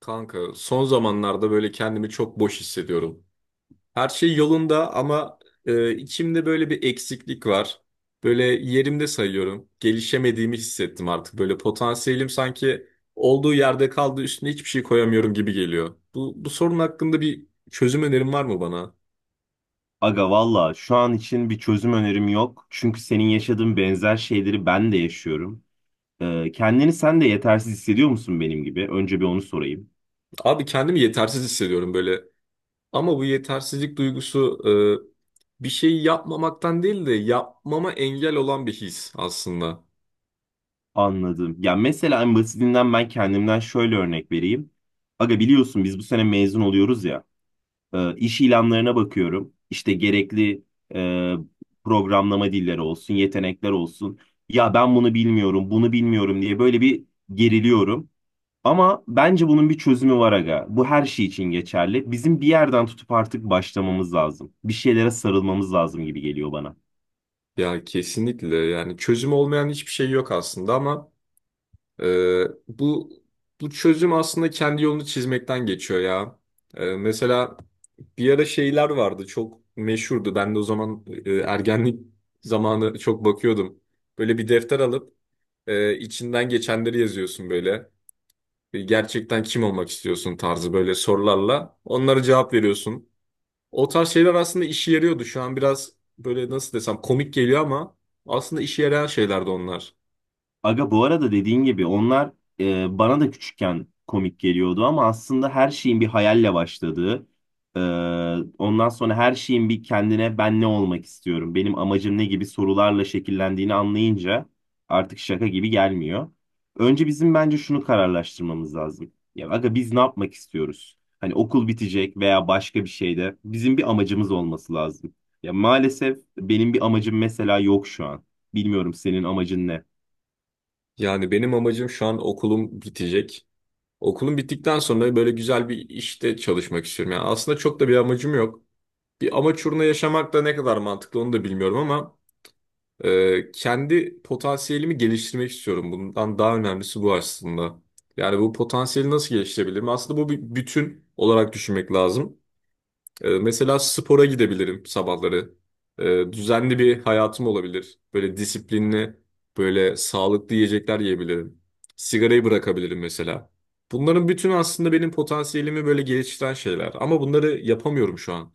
Kanka son zamanlarda böyle kendimi çok boş hissediyorum. Her şey yolunda ama içimde böyle bir eksiklik var. Böyle yerimde sayıyorum. Gelişemediğimi hissettim artık. Böyle potansiyelim sanki olduğu yerde kaldı üstüne hiçbir şey koyamıyorum gibi geliyor. Bu sorun hakkında bir çözüm önerin var mı bana? Aga valla şu an için bir çözüm önerim yok. Çünkü senin yaşadığın benzer şeyleri ben de yaşıyorum. Kendini sen de yetersiz hissediyor musun benim gibi? Önce bir onu sorayım. Abi kendimi yetersiz hissediyorum böyle. Ama bu yetersizlik duygusu bir şey yapmamaktan değil de yapmama engel olan bir his aslında. Anladım. Ya mesela en basitinden ben kendimden şöyle örnek vereyim. Aga biliyorsun biz bu sene mezun oluyoruz ya. İş ilanlarına bakıyorum. İşte gerekli e, programlama dilleri olsun, yetenekler olsun. Ya ben bunu bilmiyorum, bunu bilmiyorum diye böyle bir geriliyorum. Ama bence bunun bir çözümü var aga. Bu her şey için geçerli. Bizim bir yerden tutup artık başlamamız lazım. Bir şeylere sarılmamız lazım gibi geliyor bana. Ya kesinlikle yani çözüm olmayan hiçbir şey yok aslında ama e, bu bu çözüm aslında kendi yolunu çizmekten geçiyor ya. Mesela bir ara şeyler vardı çok meşhurdu. Ben de o zaman ergenlik zamanı çok bakıyordum. Böyle bir defter alıp içinden geçenleri yazıyorsun böyle. Gerçekten kim olmak istiyorsun tarzı böyle sorularla. Onlara cevap veriyorsun. O tarz şeyler aslında işe yarıyordu. Şu an biraz böyle nasıl desem komik geliyor ama aslında işe yarayan şeylerdi onlar. Aga bu arada dediğin gibi onlar bana da küçükken komik geliyordu ama aslında her şeyin bir hayalle başladığı, e, ondan sonra her şeyin bir kendine ben ne olmak istiyorum, benim amacım ne gibi sorularla şekillendiğini anlayınca artık şaka gibi gelmiyor. Önce bizim bence şunu kararlaştırmamız lazım. Ya aga biz ne yapmak istiyoruz? Hani okul bitecek veya başka bir şeyde bizim bir amacımız olması lazım. Ya maalesef benim bir amacım mesela yok şu an. Bilmiyorum senin amacın ne? Yani benim amacım şu an okulum bitecek. Okulum bittikten sonra böyle güzel bir işte çalışmak istiyorum. Yani aslında çok da bir amacım yok. Bir amaç uğruna yaşamak da ne kadar mantıklı onu da bilmiyorum ama kendi potansiyelimi geliştirmek istiyorum. Bundan daha önemlisi bu aslında. Yani bu potansiyeli nasıl geliştirebilirim? Aslında bu bir bütün olarak düşünmek lazım. Mesela spora gidebilirim sabahları. Düzenli bir hayatım olabilir. Böyle disiplinli, böyle sağlıklı yiyecekler yiyebilirim. Sigarayı bırakabilirim mesela. Bunların bütün aslında benim potansiyelimi böyle geliştiren şeyler. Ama bunları yapamıyorum şu an.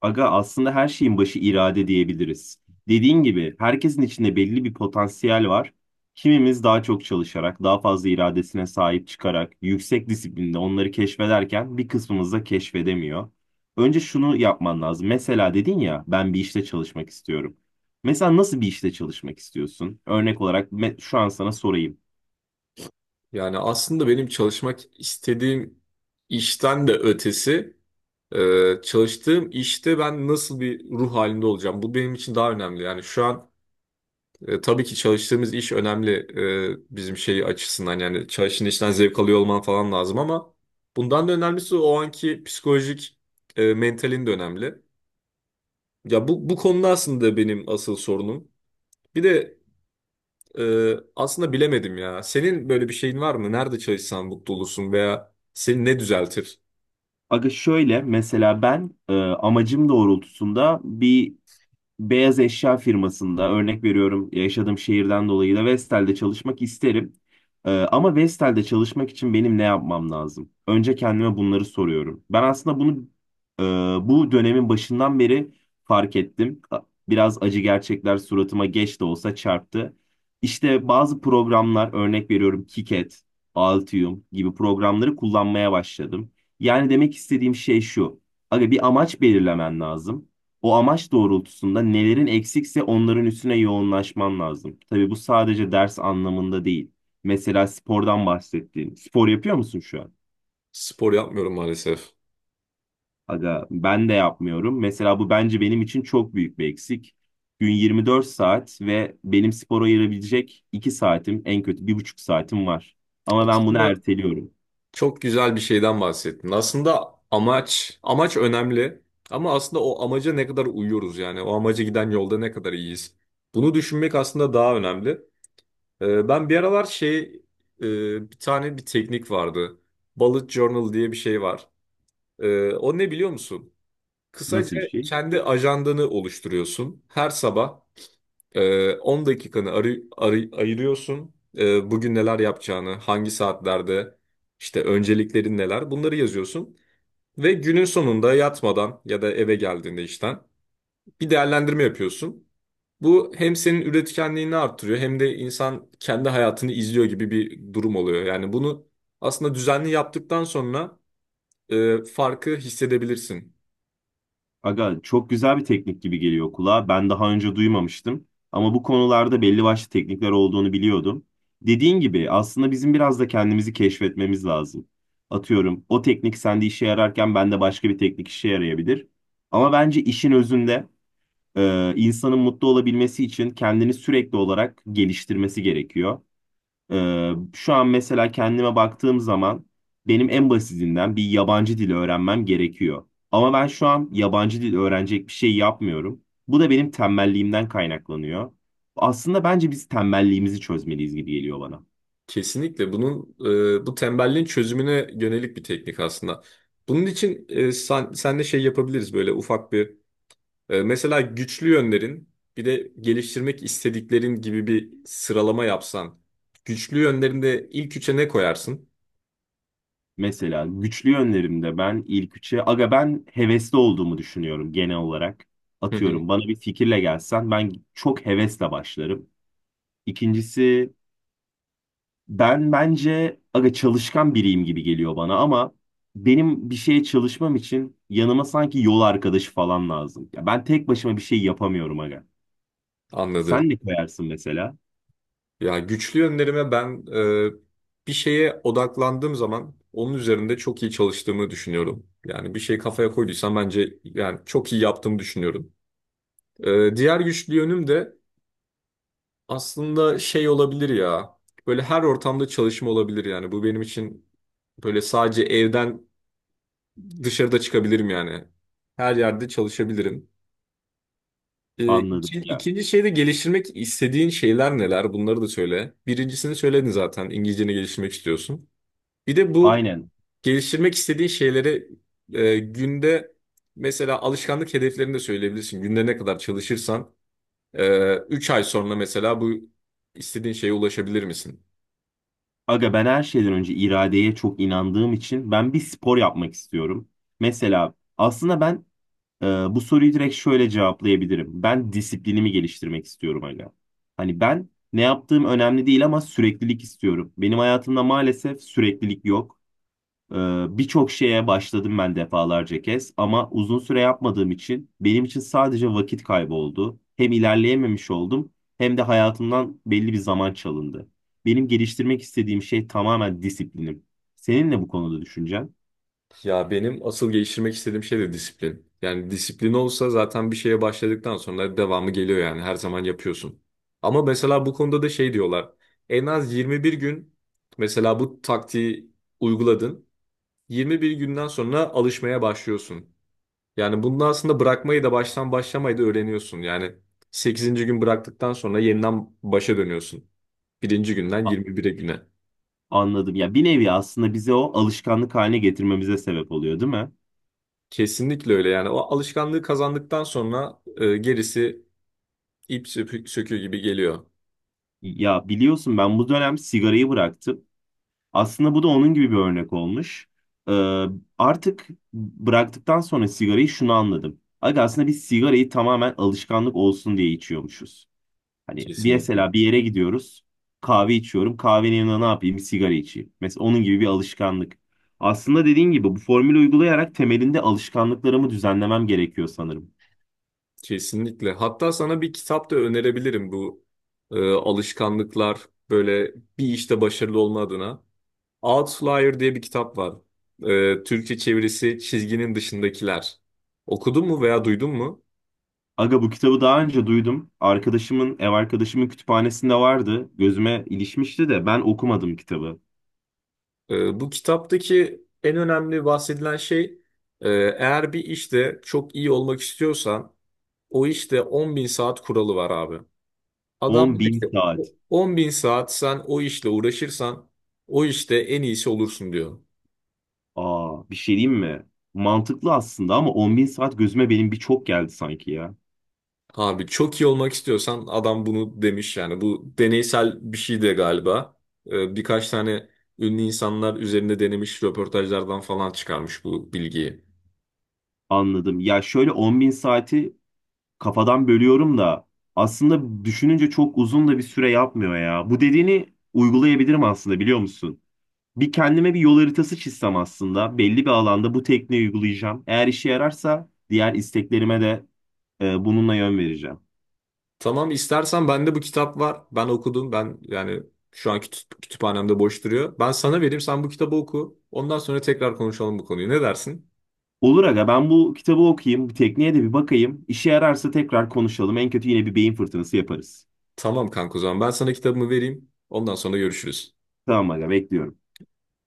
Aga aslında her şeyin başı irade diyebiliriz. Dediğin gibi herkesin içinde belli bir potansiyel var. Kimimiz daha çok çalışarak, daha fazla iradesine sahip çıkarak, yüksek disiplinde onları keşfederken bir kısmımız da keşfedemiyor. Önce şunu yapman lazım. Mesela dedin ya ben bir işte çalışmak istiyorum. Mesela nasıl bir işte çalışmak istiyorsun? Örnek olarak şu an sana sorayım. Yani aslında benim çalışmak istediğim işten de ötesi. Çalıştığım işte ben nasıl bir ruh halinde olacağım? Bu benim için daha önemli. Yani şu an tabii ki çalıştığımız iş önemli bizim şey açısından. Yani çalıştığın işten zevk alıyor olman falan lazım ama bundan da önemlisi o anki psikolojik mentalin de önemli. Ya bu konuda aslında benim asıl sorunum. Bir de aslında bilemedim ya. Senin böyle bir şeyin var mı? Nerede çalışsan mutlu olursun veya seni ne düzeltir? Aga şöyle mesela ben amacım doğrultusunda bir beyaz eşya firmasında örnek veriyorum yaşadığım şehirden dolayı da Vestel'de çalışmak isterim. Ama Vestel'de çalışmak için benim ne yapmam lazım? Önce kendime bunları soruyorum. Ben aslında bunu e, bu dönemin başından beri fark ettim. Biraz acı gerçekler suratıma geç de olsa çarptı. İşte bazı programlar örnek veriyorum Kiket, Altium gibi programları kullanmaya başladım. Yani demek istediğim şey şu. Aga bir amaç belirlemen lazım. O amaç doğrultusunda nelerin eksikse onların üstüne yoğunlaşman lazım. Tabii bu sadece ders anlamında değil. Mesela spordan bahsettiğin. Spor yapıyor musun şu an? Spor yapmıyorum maalesef. Aga ben de yapmıyorum. Mesela bu bence benim için çok büyük bir eksik. Gün 24 saat ve benim spora ayırabilecek 2 saatim en kötü 1,5 saatim var. Ama ben bunu Aslında, erteliyorum. çok güzel bir şeyden bahsettin. Aslında amaç, amaç önemli. Ama aslında o amaca ne kadar uyuyoruz yani. O amaca giden yolda ne kadar iyiyiz. Bunu düşünmek aslında daha önemli. Ben bir aralar şey, bir tane bir teknik vardı. Bullet Journal diye bir şey var. O ne biliyor musun? Nasıl Kısaca bir şey? kendi ajandanı oluşturuyorsun. Her sabah 10 dakikanı ayırıyorsun. Bugün neler yapacağını, hangi saatlerde, işte önceliklerin neler, bunları yazıyorsun. Ve günün sonunda yatmadan ya da eve geldiğinde işten bir değerlendirme yapıyorsun. Bu hem senin üretkenliğini arttırıyor hem de insan kendi hayatını izliyor gibi bir durum oluyor. Yani bunu aslında düzenli yaptıktan sonra farkı hissedebilirsin. Aga çok güzel bir teknik gibi geliyor kulağa. Ben daha önce duymamıştım. Ama bu konularda belli başlı teknikler olduğunu biliyordum. Dediğin gibi aslında bizim biraz da kendimizi keşfetmemiz lazım. Atıyorum o teknik sende işe yararken bende başka bir teknik işe yarayabilir. Ama bence işin özünde insanın mutlu olabilmesi için kendini sürekli olarak geliştirmesi gerekiyor. Şu an mesela kendime baktığım zaman benim en basitinden bir yabancı dil öğrenmem gerekiyor. Ama ben şu an yabancı dil öğrenecek bir şey yapmıyorum. Bu da benim tembelliğimden kaynaklanıyor. Aslında bence biz tembelliğimizi çözmeliyiz gibi geliyor bana. Kesinlikle bunun bu tembelliğin çözümüne yönelik bir teknik aslında. Bunun için sen de şey yapabiliriz böyle ufak bir mesela güçlü yönlerin bir de geliştirmek istediklerin gibi bir sıralama yapsan. Güçlü yönlerinde ilk üçe ne koyarsın? Mesela güçlü yönlerimde ben ilk üçe, aga ben hevesli olduğumu düşünüyorum genel olarak. Hı hı. Atıyorum bana bir fikirle gelsen ben çok hevesle başlarım. İkincisi, ben bence aga çalışkan biriyim gibi geliyor bana ama benim bir şeye çalışmam için yanıma sanki yol arkadaşı falan lazım. Ya ben tek başıma bir şey yapamıyorum aga. Sen Anladım. ne koyarsın mesela? Ya güçlü yönlerime ben bir şeye odaklandığım zaman onun üzerinde çok iyi çalıştığımı düşünüyorum. Yani bir şey kafaya koyduysam bence yani çok iyi yaptığımı düşünüyorum. Diğer güçlü yönüm de aslında şey olabilir ya. Böyle her ortamda çalışma olabilir yani. Bu benim için böyle sadece evden dışarıda çıkabilirim yani. Her yerde çalışabilirim. Anladım İki- ya. ikinci şey geliştirmek istediğin şeyler neler? Bunları da söyle. Birincisini söyledin zaten. İngilizceni geliştirmek istiyorsun. Bir de bu Aynen. geliştirmek istediğin şeyleri günde mesela alışkanlık hedeflerini de söyleyebilirsin. Günde ne kadar çalışırsan 3 ay sonra mesela bu istediğin şeye ulaşabilir misin? Aga ben her şeyden önce iradeye çok inandığım için ben bir spor yapmak istiyorum. Mesela aslında ben bu soruyu direkt şöyle cevaplayabilirim. Ben disiplinimi geliştirmek istiyorum hala. Hani ben ne yaptığım önemli değil ama süreklilik istiyorum. Benim hayatımda maalesef süreklilik yok. Ee, Birçok şeye başladım ben defalarca kez ama uzun süre yapmadığım için benim için sadece vakit kaybı oldu. Hem ilerleyememiş oldum hem de hayatımdan belli bir zaman çalındı. Benim geliştirmek istediğim şey tamamen disiplinim. Senin ne bu konuda düşüncen? Ya benim asıl geliştirmek istediğim şey de disiplin. Yani disiplin olsa zaten bir şeye başladıktan sonra devamı geliyor yani her zaman yapıyorsun. Ama mesela bu konuda da şey diyorlar. En az 21 gün mesela bu taktiği uyguladın. 21 günden sonra alışmaya başlıyorsun. Yani bunu aslında bırakmayı da baştan başlamayı da öğreniyorsun. Yani sekizinci gün bıraktıktan sonra yeniden başa dönüyorsun. Birinci günden 21'e güne. Anladım. Ya bir nevi aslında bize o alışkanlık haline getirmemize sebep oluyor, değil mi? Kesinlikle öyle yani o alışkanlığı kazandıktan sonra gerisi İp söküğü gibi geliyor. Ya biliyorsun ben bu dönem sigarayı bıraktım. Aslında bu da onun gibi bir örnek olmuş. Ee, Artık bıraktıktan sonra sigarayı şunu anladım. Aga aslında biz sigarayı tamamen alışkanlık olsun diye içiyormuşuz. Hani bir Kesinlikle. mesela bir yere gidiyoruz, kahve içiyorum. Kahvenin yanına ne yapayım? Bir sigara içeyim. Mesela onun gibi bir alışkanlık. Aslında dediğin gibi bu formülü uygulayarak temelinde alışkanlıklarımı düzenlemem gerekiyor sanırım. Kesinlikle. Hatta sana bir kitap da önerebilirim bu alışkanlıklar böyle bir işte başarılı olma adına. Outlier diye bir kitap var. Türkçe çevirisi Çizginin Dışındakiler. Okudun mu veya duydun mu? Aga bu kitabı daha önce duydum. Arkadaşımın, ev arkadaşımın kütüphanesinde vardı. Gözüme ilişmişti de ben okumadım kitabı. Bu kitaptaki en önemli bahsedilen şey eğer bir işte çok iyi olmak istiyorsan o işte 10 bin saat kuralı var abi. Adam 10 diyor bin ki saat. 10 bin saat sen o işle uğraşırsan o işte en iyisi olursun diyor. Aa, bir şey diyeyim mi? Mantıklı aslında ama 10 bin saat gözüme benim bir çok geldi sanki ya. Abi çok iyi olmak istiyorsan adam bunu demiş yani bu deneysel bir şey de galiba. Birkaç tane ünlü insanlar üzerinde denemiş röportajlardan falan çıkarmış bu bilgiyi. Anladım. Ya şöyle 10 bin saati kafadan bölüyorum da aslında düşününce çok uzun da bir süre yapmıyor ya. Bu dediğini uygulayabilirim aslında biliyor musun? Bir kendime bir yol haritası çizsem aslında. Belli bir alanda bu tekniği uygulayacağım. Eğer işe yararsa diğer isteklerime de bununla yön vereceğim. Tamam istersen bende bu kitap var. Ben okudum. Ben yani şu an kütüphanemde boş duruyor. Ben sana vereyim sen bu kitabı oku. Ondan sonra tekrar konuşalım bu konuyu. Ne dersin? Olur aga ben bu kitabı okuyayım, bu tekniğe de bir bakayım. İşe yararsa tekrar konuşalım. En kötü yine bir beyin fırtınası yaparız. Tamam kanka o zaman ben sana kitabımı vereyim. Ondan sonra görüşürüz. Tamam aga bekliyorum.